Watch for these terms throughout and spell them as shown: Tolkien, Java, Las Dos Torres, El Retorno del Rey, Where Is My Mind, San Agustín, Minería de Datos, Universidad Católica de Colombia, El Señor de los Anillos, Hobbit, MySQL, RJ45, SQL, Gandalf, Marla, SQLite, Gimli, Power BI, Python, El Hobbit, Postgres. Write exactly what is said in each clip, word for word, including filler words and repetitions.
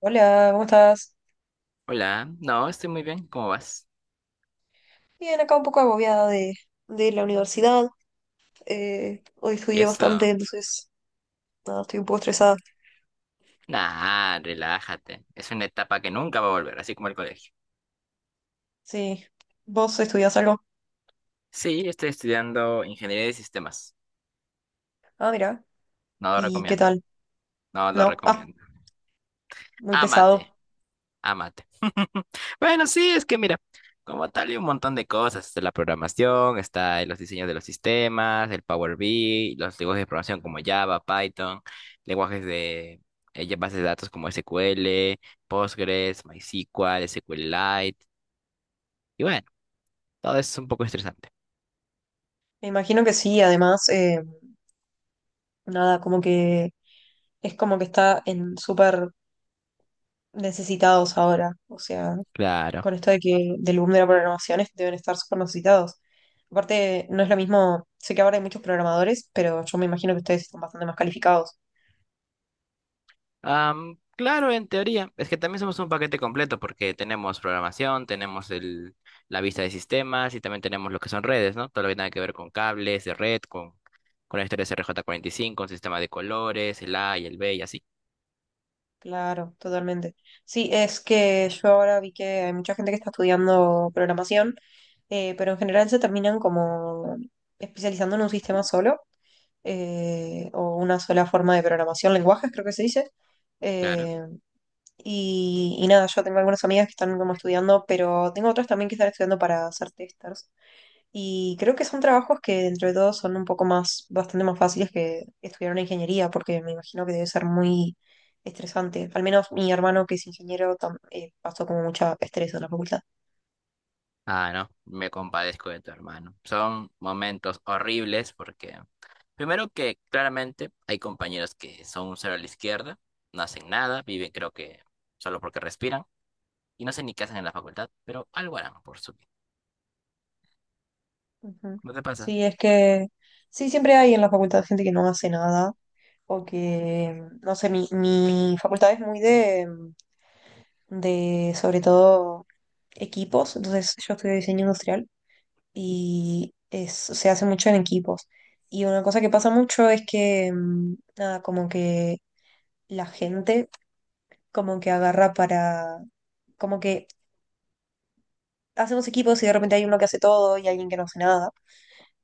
Hola, ¿cómo estás? Hola, no, estoy muy bien, ¿cómo vas? Bien, acá un poco agobiada de, de la universidad. Eh, hoy ¿Y estudié bastante, eso? entonces nada, estoy un poco estresada. Nah, relájate, es una etapa que nunca va a volver, así como el colegio. Sí. ¿Vos estudiás algo? Sí, estoy estudiando ingeniería de sistemas, Ah, mira. no lo ¿Y qué recomiendo, tal? no lo No. Ah, recomiendo. muy Ámate, pesado. ámate. Bueno, sí, es que mira, como tal hay un montón de cosas, está la programación, está los diseños de los sistemas, el Power B I, los lenguajes de programación como Java, Python, lenguajes de eh, ya bases de datos como S Q L, Postgres, MySQL, SQLite. Y bueno, todo es un poco estresante. Me imagino que sí, además, eh, nada, como que es como que está en súper necesitados ahora. O sea, Claro. con esto de que del boom de la programación es- deben estar súper necesitados. Aparte, no es lo mismo, sé que ahora hay muchos programadores, pero yo me imagino que ustedes están bastante más calificados. Am, claro, en teoría. Es que también somos un paquete completo porque tenemos programación, tenemos el, la vista de sistemas y también tenemos lo que son redes, ¿no? Todo lo que tenga que ver con cables de red, con conectores rj cinco un sistema de colores, el A y el B y así. Claro, totalmente. Sí, es que yo ahora vi que hay mucha gente que está estudiando programación, eh, pero en general se terminan como especializando en un sistema solo, eh, o una sola forma de programación, lenguajes creo que se dice. Claro. Eh, y, y nada, yo tengo algunas amigas que están como estudiando, pero tengo otras también que están estudiando para ser testers. Y creo que son trabajos que dentro de todo son un poco más, bastante más fáciles que estudiar una ingeniería, porque me imagino que debe ser muy estresante. Al menos mi hermano que es ingeniero tam- eh, pasó como mucha estrés en la facultad. Ah, no, me compadezco de tu hermano. Son momentos horribles porque, primero que claramente hay compañeros que son un cero a la izquierda, no hacen nada, viven creo que solo porque respiran. Y no sé ni qué hacen en la facultad, pero algo harán por su bien. Ujú. ¿No te pasa? Sí, es que sí, siempre hay en la facultad gente que no hace nada o que, mm, no sé, mi, mi facultad es muy de, mm, de, sobre todo, equipos, entonces yo estudio diseño industrial y es, se hace mucho en equipos. Y una cosa que pasa mucho es que, mm, nada, como que la gente como que agarra para, como que hacemos equipos y de repente hay uno que hace todo y alguien que no hace nada.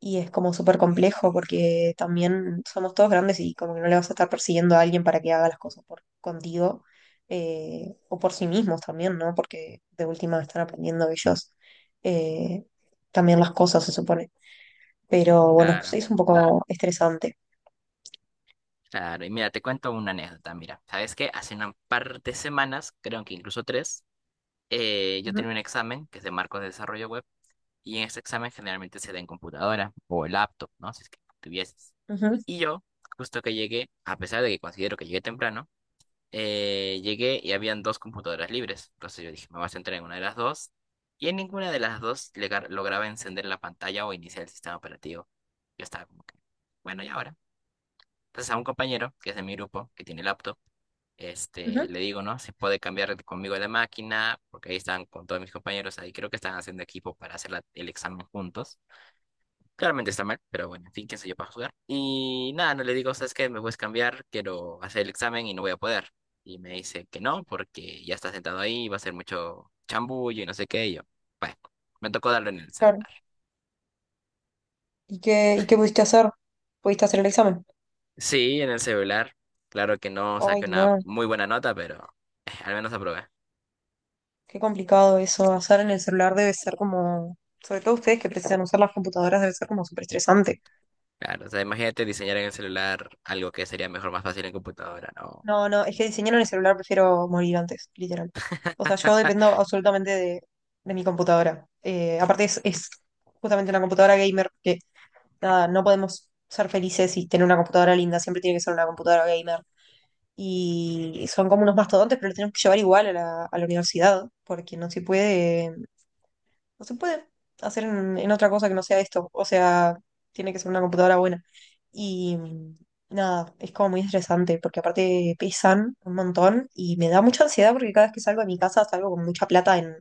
Y es como súper complejo porque también somos todos grandes y como que no le vas a estar persiguiendo a alguien para que haga las cosas por contigo eh, o por sí mismos también, ¿no? Porque de última están aprendiendo ellos eh, también las cosas, se supone. Pero bueno, sí Claro. es un poco estresante. Claro, y mira, te cuento una anécdota. Mira, ¿sabes qué? Hace un par de semanas, creo que incluso tres, eh, yo Ujú, tenía un examen que es de marcos de desarrollo web y en ese examen generalmente se da en computadora o en laptop, ¿no? Si es que tuvieses. ujú, Y yo, justo que llegué, a pesar de que considero que llegué temprano, eh, llegué y habían dos computadoras libres. Entonces yo dije, me voy a centrar en una de las dos. Y en ninguna de las dos legar- lograba encender la pantalla o iniciar el sistema operativo. Yo estaba como que, bueno, ¿y ahora? Entonces a un compañero, que es de mi grupo, que tiene laptop, este, ujú, le digo, ¿no? Si puede cambiar conmigo de máquina, porque ahí están con todos mis compañeros, ahí creo que están haciendo equipo para hacer la- el examen juntos. Claramente está mal, pero bueno, en fin, quién soy yo para jugar. Y nada, no le digo, ¿sabes qué? Me puedes cambiar, quiero hacer el examen y no voy a poder. Y me dice que no, porque ya está sentado ahí, va a ser mucho chambullo y no sé qué. Y yo, bueno, me tocó darlo en el claro. celular. ¿Y qué, y qué pudiste hacer? ¿Pudiste hacer el examen? Sí, en el celular. Claro que no Ay, saqué una no, muy buena nota, pero eh, al menos aprobé. qué complicado eso. Hacer en el celular debe ser como, sobre todo ustedes que precisan usar las computadoras, debe ser como súper estresante. Claro, o sea, imagínate diseñar en el celular algo que sería mejor, más fácil en computadora, ¿no? No, no, es que diseñar en el celular prefiero morir antes, literal. O sea, yo dependo absolutamente de, de mi computadora. Eh, aparte es, es justamente una computadora gamer que, nada, no podemos ser felices y tener una computadora linda, siempre tiene que ser una computadora gamer y son como unos mastodontes, pero los tenemos que llevar igual a la, a la universidad, porque no se puede, no se puede hacer en, en otra cosa que no sea esto. O sea, tiene que ser una computadora buena. Y mm, nada, es como muy estresante, porque aparte pesan un montón y me da mucha ansiedad porque cada vez que salgo de mi casa salgo con mucha plata en,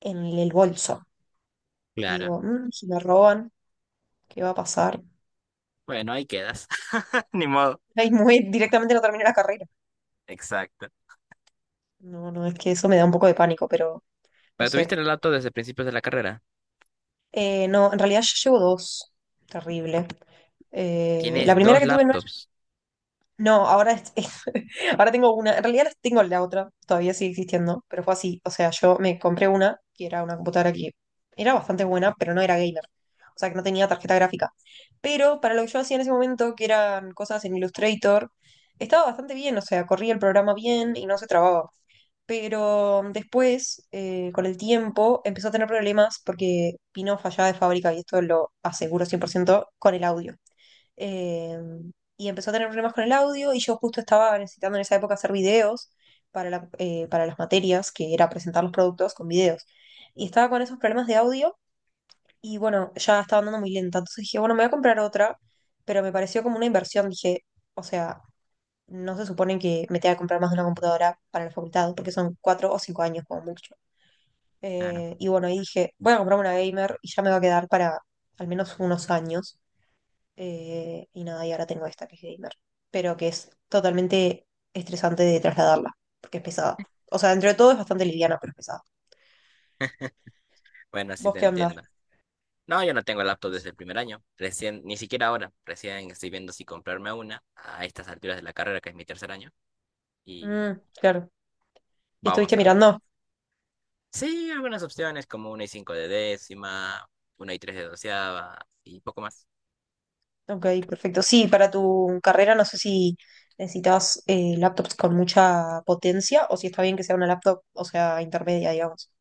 en el bolso. Y Claro. digo, "Mm, si me roban, ¿qué va a pasar? Bueno, ahí quedas. Ni modo. Ahí muy directamente no terminé la carrera. Exacto. No, no, es que eso me da un poco de pánico, pero no Pero tuviste sé. el relato desde principios de la carrera. Eh, no, en realidad yo llevo dos. Terrible. Eh, la Tienes primera dos que tuve no es- laptops. No, ahora, es- ahora tengo una. En realidad las tengo la otra, todavía sigue existiendo, pero fue así. O sea, yo me compré una que era una computadora que era bastante buena, pero no era gamer. O sea, que no tenía tarjeta gráfica. Pero para lo que yo hacía en ese momento, que eran cosas en Illustrator, estaba bastante bien. O sea, corría el programa bien y no se trababa pero después, eh, con el tiempo, empezó a tener problemas porque Pino fallaba de fábrica, y esto lo aseguro cien por ciento con el audio. Eh, y empezó a tener problemas con el audio y yo justo estaba necesitando en esa época hacer videos para, la- eh, para las materias, que era presentar los productos con videos. Y estaba con esos problemas de audio y bueno, ya estaba andando muy lenta. Entonces dije, bueno, me voy a comprar otra, pero me pareció como una inversión. Dije, o sea, no se supone que me tenga que comprar más de una computadora para la facultad, porque son cuatro o cinco años como mucho. Claro. Eh, y bueno, ahí dije, voy a comprarme una gamer y ya me va a quedar para al menos unos años. Eh, y nada, y ahora tengo esta que es gamer, pero que es totalmente estresante de trasladarla, porque es pesada. O sea, dentro de todo es bastante liviana, pero es pesada. Bueno, sí ¿Vos te qué onda? entiendo. No, yo no tengo laptop desde el primer año. Recién, ni siquiera ahora. Recién estoy viendo si comprarme una a estas alturas de la carrera, que es mi tercer año. Y Mm, claro. ¿Y vamos estuviste a ver. mirando? Sí, algunas opciones como una y cinco de décima, una y tres de doceava y poco más. Ok, perfecto. Sí, para tu carrera no sé si necesitas eh, laptops con mucha potencia o si está bien que sea una laptop, o sea, intermedia, digamos.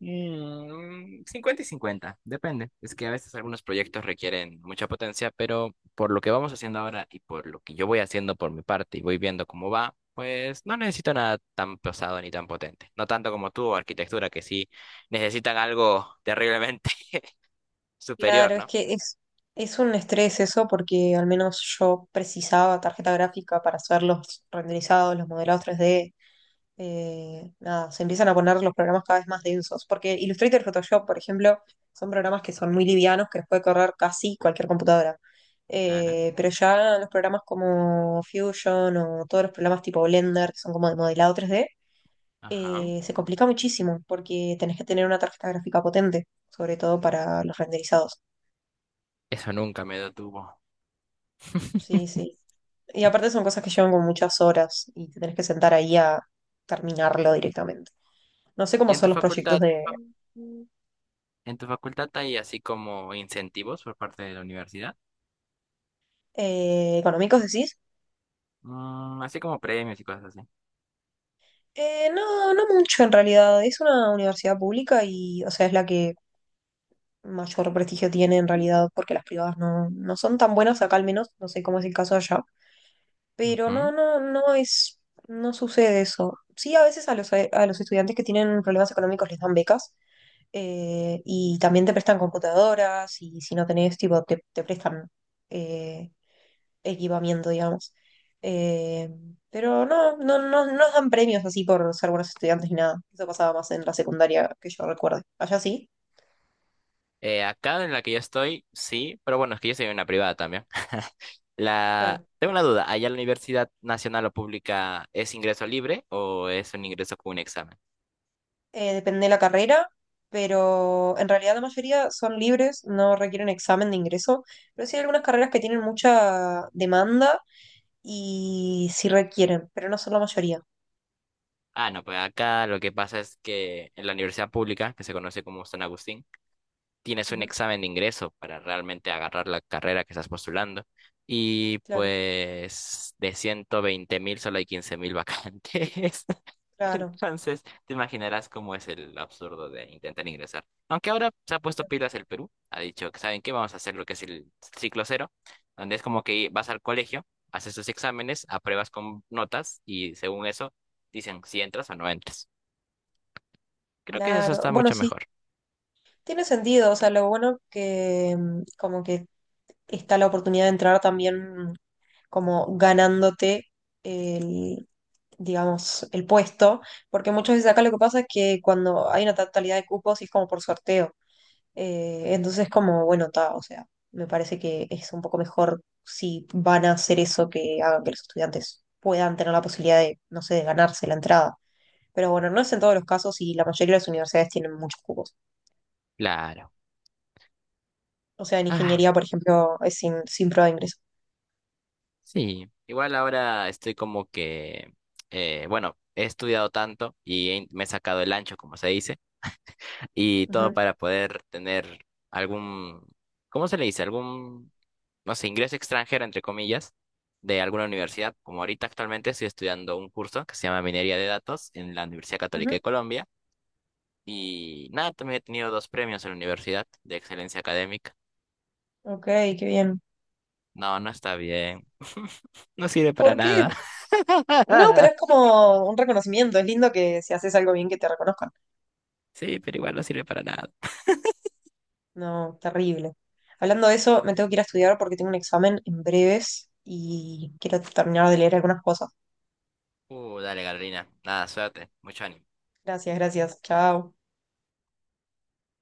Mm, cincuenta y cincuenta depende. Es que a veces algunos proyectos requieren mucha potencia, pero por lo que vamos haciendo ahora y por lo que yo voy haciendo por mi parte y voy viendo cómo va, pues no necesito nada tan pesado ni tan potente. No tanto como tú, arquitectura, que sí necesitan algo terriblemente Claro, superior, es ¿no? que es, es un estrés eso, porque al menos yo precisaba tarjeta gráfica para hacer los renderizados, los modelados tres d eh, nada, se empiezan a poner los programas cada vez más densos, porque Illustrator y Photoshop, por ejemplo, son programas que son muy livianos, que los puede correr casi cualquier computadora. Claro. Eh, pero ya los programas como Fusion o todos los programas tipo Blender, que son como de modelado tres d Ajá. eh, se complica muchísimo porque tenés que tener una tarjeta gráfica potente, sobre todo para los renderizados. Eso nunca me detuvo. Sí, sí. Y aparte son cosas que llevan con muchas horas y te tenés que sentar ahí a terminarlo directamente. No sé ¿Y cómo en son tu los proyectos facultad? de ¿En tu facultad hay así como incentivos por parte de la universidad? eh, económicos, decís. Mm, así como premios y cosas así. Eh, no, no mucho en realidad. Es una universidad pública y, o sea, es la que mayor prestigio tiene en realidad, porque las privadas no, no son tan buenas acá al menos. No sé cómo es el caso allá. Pero no, Ujú. no, no es, no sucede eso. Sí, a veces a los, eh, a los estudiantes que tienen problemas económicos les dan becas eh, y también te prestan computadoras y si no tenés, tipo, te, te prestan eh, equipamiento, digamos. Eh, pero no, no, no, no nos dan premios así por ser buenos estudiantes ni nada. Eso pasaba más en la secundaria que yo recuerde. Allá sí, Eh, acá en la que yo estoy, sí, pero bueno, es que yo soy una privada también. La... claro. Tengo una duda, ¿allá la Universidad Nacional o Pública es ingreso libre o es un ingreso con un examen? Eh, depende de la carrera, pero en realidad la mayoría son libres, no requieren examen de ingreso, pero sí hay algunas carreras que tienen mucha demanda y sí requieren, pero no son la mayoría. Ah, no, pues acá lo que pasa es que en la universidad pública, que se conoce como San Agustín, tienes un Ujú, examen de ingreso para realmente agarrar la carrera que estás postulando. Y claro, pues de ciento veinte mil solo hay quince mil vacantes. claro, Entonces, te imaginarás cómo es el absurdo de intentar ingresar. Aunque ahora se ha puesto pilas el Perú, ha dicho que, ¿saben qué? Vamos a hacer lo que es el ciclo cero, donde es como que vas al colegio, haces tus exámenes, apruebas con notas y según eso dicen si entras o no entras. Creo que eso claro. está Bueno, mucho sí, mejor. tiene sentido, o sea, lo bueno que mm, como que está la oportunidad de entrar también como ganándote el, digamos, el puesto, porque muchas veces acá lo que pasa es que cuando hay una tal- totalidad de cupos y es como por sorteo. Eh, entonces, como, bueno, ta, o sea, me parece que es un poco mejor si van a hacer eso que hagan que los estudiantes puedan tener la posibilidad de, no sé, de ganarse la entrada. Pero bueno, no es en todos los casos y la mayoría de las universidades tienen muchos cupos. Claro. O sea, en Ah, ingeniería, por ejemplo, es sin, sin prueba de ingreso. sí. Igual ahora estoy como que, eh, bueno, he estudiado tanto y he- me he sacado el ancho, como se dice. Y todo Ujú, para poder tener algún, ¿cómo se le dice? Algún, no sé, ingreso extranjero, entre comillas, de alguna universidad. Como ahorita actualmente estoy estudiando un curso que se llama Minería de Datos en la Universidad Católica ujú. de Colombia. Y nada, también he tenido dos premios en la universidad de excelencia académica. Ok, qué bien. No, no está bien. No sirve para ¿Por qué? nada. No, pero es como un reconocimiento. Es lindo que si haces algo bien que te reconozcan. Sí, pero igual no sirve para nada. No, terrible. Hablando de eso, me tengo que ir a estudiar porque tengo un examen en breves y quiero terminar de leer algunas cosas. Uh, dale, Carolina. Nada, suerte. Mucho ánimo. Gracias, gracias. Chao.